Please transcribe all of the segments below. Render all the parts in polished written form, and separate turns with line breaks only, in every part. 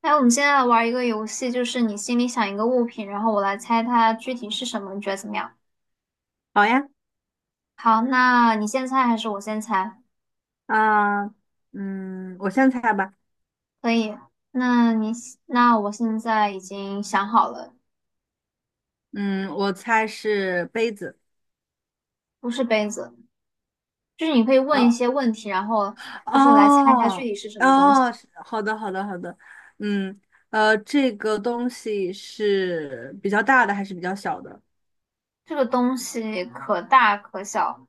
哎，我们现在玩一个游戏，就是你心里想一个物品，然后我来猜它具体是什么，你觉得怎么样？
好呀。
好，那你先猜还是我先猜？
啊、我先猜吧。
可以。那你那我现在已经想好了。
嗯，我猜是杯子。
不是杯子，就是你可以问一
哦。
些问题，然后就是来猜它具
哦。
体是什么东西。
哦，是好的好的好的。嗯，这个东西是比较大的还是比较小的？
这个东西可大可小。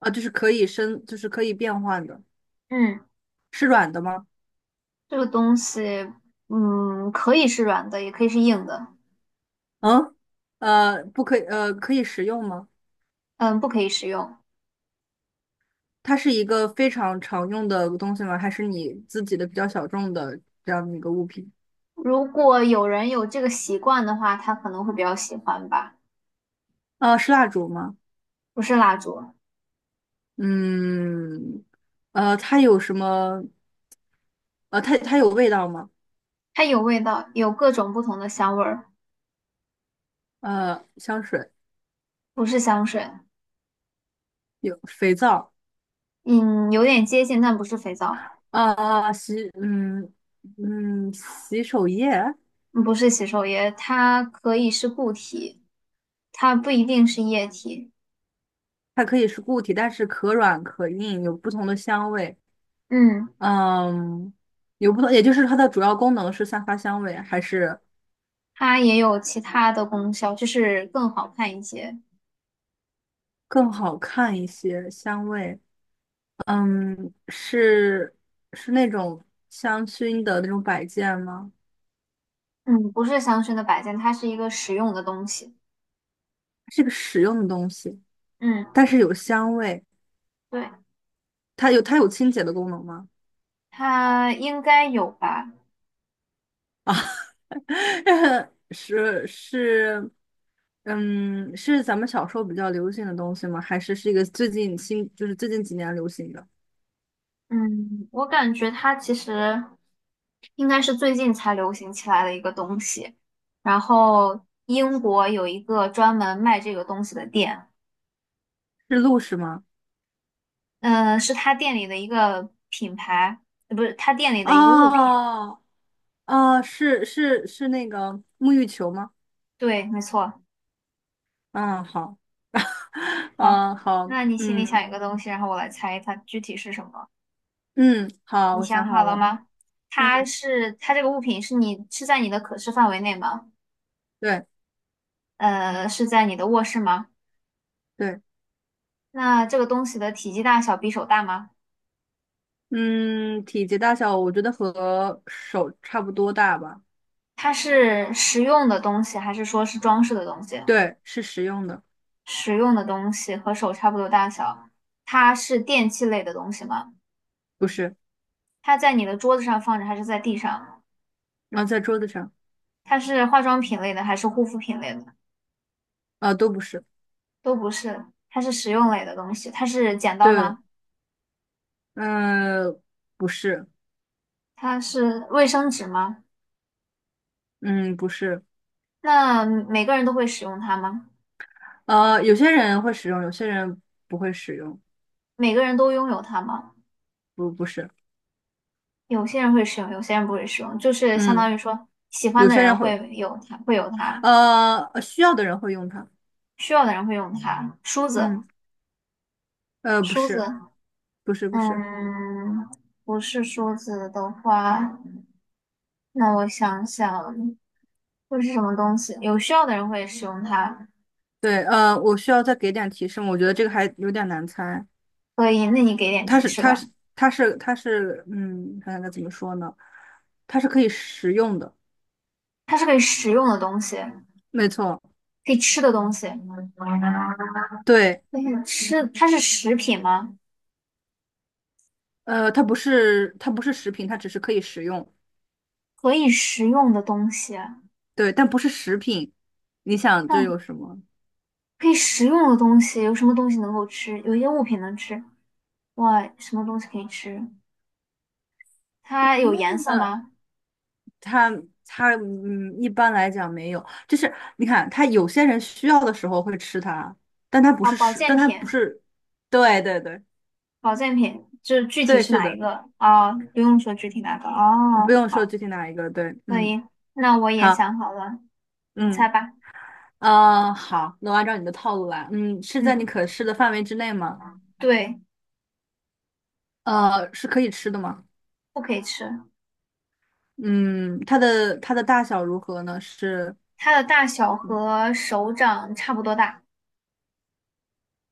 啊，就是可以升，就是可以变换的。
嗯，
是软的吗？
这个东西，嗯，可以是软的，也可以是硬的。
嗯。呃，不可以，呃，可以食用吗？
嗯，不可以食用。
它是一个非常常用的东西吗？还是你自己的比较小众的这样的一个物品？
如果有人有这个习惯的话，他可能会比较喜欢吧。
啊，是蜡烛吗？
不是蜡烛。
嗯。它有什么？它有味道吗？
它有味道，有各种不同的香味儿。
呃，香水
不是香水。
有，肥皂。
嗯，有点接近，但不是肥皂。
啊，啊洗，嗯嗯，洗手液。
嗯，不是洗手液，它可以是固体，它不一定是液体。
它可以是固体，但是可软可硬，有不同的香味。
嗯，
嗯，有不同，也就是它的主要功能是散发香味，还是
它也有其他的功效，就是更好看一些。
更好看一些香味？嗯，是，是那种香薰的那种摆件吗？
嗯，不是香薰的摆件，它是一个实用的东西。
是个实用的东西。
嗯，
但是有香味。
对，
它有清洁的功能吗？
它应该有吧。
啊，是是。嗯，是咱们小时候比较流行的东西吗？还是是一个最近新，就是最近几年流行的？
嗯，我感觉它其实应该是最近才流行起来的一个东西。然后英国有一个专门卖这个东西的店。
是露是吗？
嗯、是他店里的一个品牌，不是他店里的一个物品。
哦。哦，是是是那个沐浴球吗？
对，没错。
嗯，好。
好，
嗯，好。
那你心里
嗯。
想一个东西，然后我来猜它具体是什么。
嗯，好，
你
我
想
想
好
好
了
了。
吗？它
嗯。
是它这个物品是你在你的可视范围内吗？
对。
呃，是在你的卧室吗？
对。
那这个东西的体积大小比手大吗？
嗯，体积大小我觉得和手差不多大吧。
它是实用的东西，还是说是装饰的东西？
对，是实用的。
实用的东西和手差不多大小，它是电器类的东西吗？
不是。
它在你的桌子上放着，还是在地上？
啊，在桌子上。
它是化妆品类的，还是护肤品类的？
啊，都不是。
都不是，它是实用类的东西。它是剪刀
对。
吗？
呃，不是。
它是卫生纸吗？
嗯，不是。
那每个人都会使用它吗？
有些人会使用，有些人不会使用。
每个人都拥有它吗？
不，不是。
有些人会使用，有些人不会使用，就是相当
嗯，
于说，喜欢
有
的
些
人
人会，
会有它，会有它；
需要的人会用它。
需要的人会用它。梳子，
嗯。不
梳子，
是。不是。不是。
嗯，不是梳子的话，那我想想，会是什么东西？有需要的人会使用它，
对。呃，我需要再给点提示吗，我觉得这个还有点难猜。
所以那你给点
它
提
是，
示
它
吧。
是，它是，它是，嗯，看看该怎么说呢？它是可以食用的。
它是可以食用的东西，
没错。
可以吃的东西，
对。
可以吃，它是食品吗？
呃，它不是食品，它只是可以食用。
可以食用的东西，
对，但不是食品。你想这有
那
什么？
可以食用的东西有什么东西能够吃？有一些物品能吃，哇，什么东西可以吃？它有颜色
呃，
吗？
它它嗯，一般来讲没有，就是你看，它有些人需要的时候会吃它，
啊，保健
但它不
品。
是。对对对
保健品，就是具体
对。
是
是
哪一
的，
个？哦，不用说具体哪个。
不
哦，
用说
好，
具体哪一个。对。
可
嗯。
以。那我也
好。
想好了，你猜
嗯。
吧。
呃，好，那我按照你的套路来。嗯，是在
嗯，
你可视的范围之内吗？
对，
呃，是可以吃的吗？
不可以吃。
嗯，它的大小如何呢？是。
它的大小和手掌差不多大，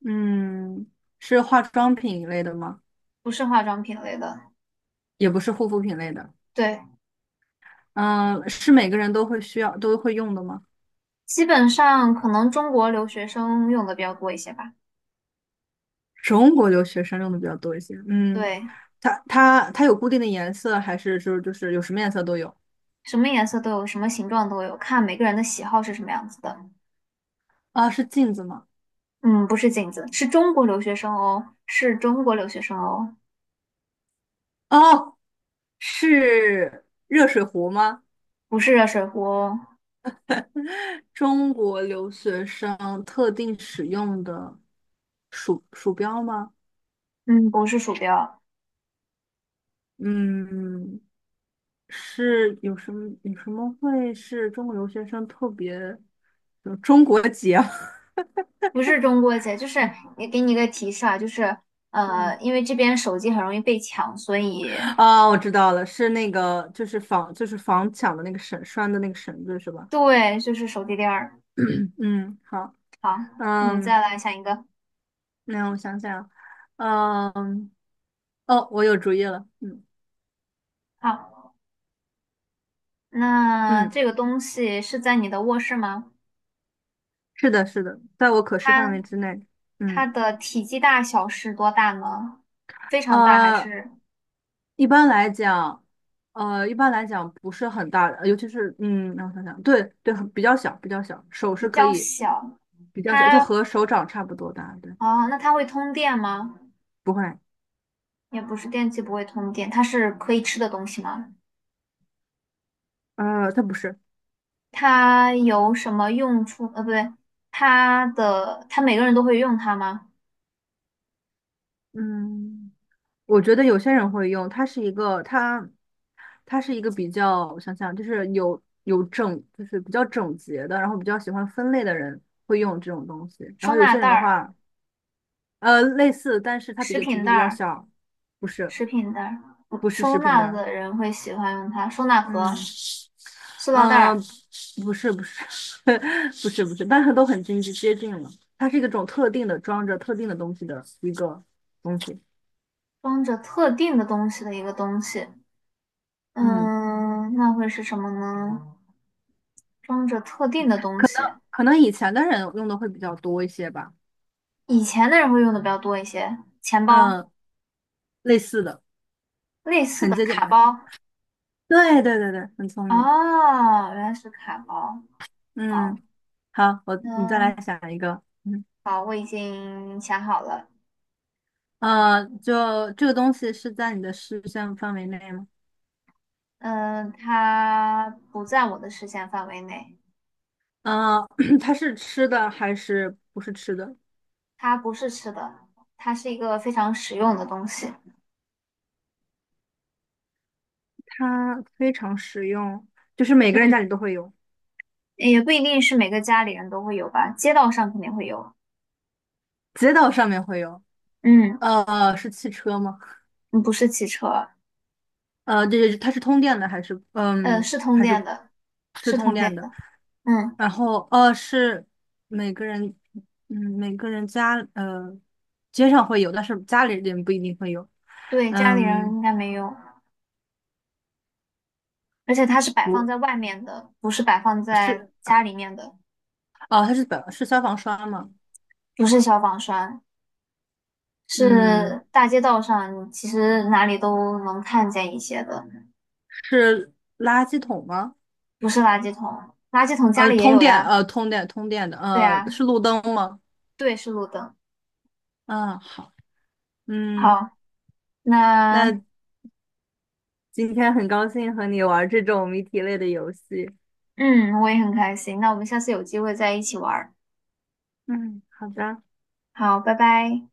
嗯，是化妆品一类的吗？
不是化妆品类的。
也不是护肤品类的。
对，
嗯，是每个人都会需要都会用的吗？
基本上可能中国留学生用的比较多一些吧。
中国留学生用的比较多一些。嗯，
对，
它有固定的颜色，还是就是有什么颜色都有？
什么颜色都有，什么形状都有，看每个人的喜好是什么样子的。
啊，是镜子吗？
嗯，不是镜子，是中国留学生哦，是中国留学生哦。
哦。是热水壶吗？
不是热水壶哦。
中国留学生特定使用的鼠标吗？
嗯，不是鼠标。
嗯，是有什么会是中国留学生特别有中国结？
不是中国结，就是也给你一个提示啊，就是，
嗯。
因为这边手机很容易被抢，所以
啊，我知道了，是那个就是房就是房抢的那个的那个绳子是吧？
对，就是手机链儿。
嗯，好。
好，你
嗯，
再来想一个。
那我想想。嗯。哦，我有主意了。嗯。
好，那
嗯，
这个东西是在你的卧室吗？
是的，是的，在我可视范
它
围之内。
它
嗯。
的体积大小是多大呢？非常大还
呃，
是
一般来讲，一般来讲不是很大的。呃尤其是嗯，让我想想，对对，比较小，比较小，手
比
是可
较
以
小？
比较小，就
它
和手掌差不多大。对。
哦，那它会通电吗？
不会。
也不是，电器不会通电，它是可以吃的东西吗？
呃，它不是。
它有什么用处？呃，不对，它每个人都会用它吗？
嗯，我觉得有些人会用，它是一个比较，我想想，就是有有整，就是比较整洁的，然后比较喜欢分类的人会用这种东西，然
收
后有
纳
些
袋
人的
儿、
话，呃，类似，但是它比
食
较体
品
积
袋
比较
儿、
小。不是
食品袋儿，嗯
不是
收
食品
纳
单。
的人会喜欢用它。收纳
嗯。
盒、塑料袋
嗯、呃
儿，
不是。 不是，但是都很近，接近了。它是一个种特定的装着特定的东西的一个东西。
装着特定的东西的一个东西。
嗯，
嗯，那会是什么呢？装着特定的东西，
可能以前的人用的会比较多一些吧。
以前的人会用的比较多一些。钱包
嗯，类似的，
类似
很
的
接近
卡
的。
包
对对对对，很聪明。
啊，原来是卡包。好，
嗯，好。我你再
嗯，
来想一个。嗯。
好，我已经想好了。
呃，就这个东西是在你的视线范围内吗？
嗯，它不在我的视线范围内。
嗯，它是吃的还是不是吃的？
它不是吃的，它是一个非常实用的东西。
它非常实用，就是每个人家
嗯，
里都会有。
也不一定是每个家里人都会有吧，街道上肯定会有。
街道上面会有。
嗯，
是汽车吗？
嗯不是汽车。
呃，对对，对它是通电的还是
呃，是通
还是
电的，
是
是
通
通电
电的？
的。嗯，
然后每个人每个人家呃街上会有，但是家里人不一定会有。
对，家里人
嗯，
应该没有，而且它是摆放
不
在外面的，不是摆放在
是
家里面的。
哦，它是消防栓吗？
不是消防栓，
嗯，
是大街道上，其实哪里都能看见一些的。
是垃圾桶吗？
不是垃圾桶，垃圾桶家里也有呀。
通电的
对呀，
是路灯吗？
对，是路灯。
嗯，好。嗯。
好，那
那今天很高兴和你玩这种谜题类的游戏。
嗯，我也很开心。那我们下次有机会再一起玩儿。
嗯，好的。
好，拜拜。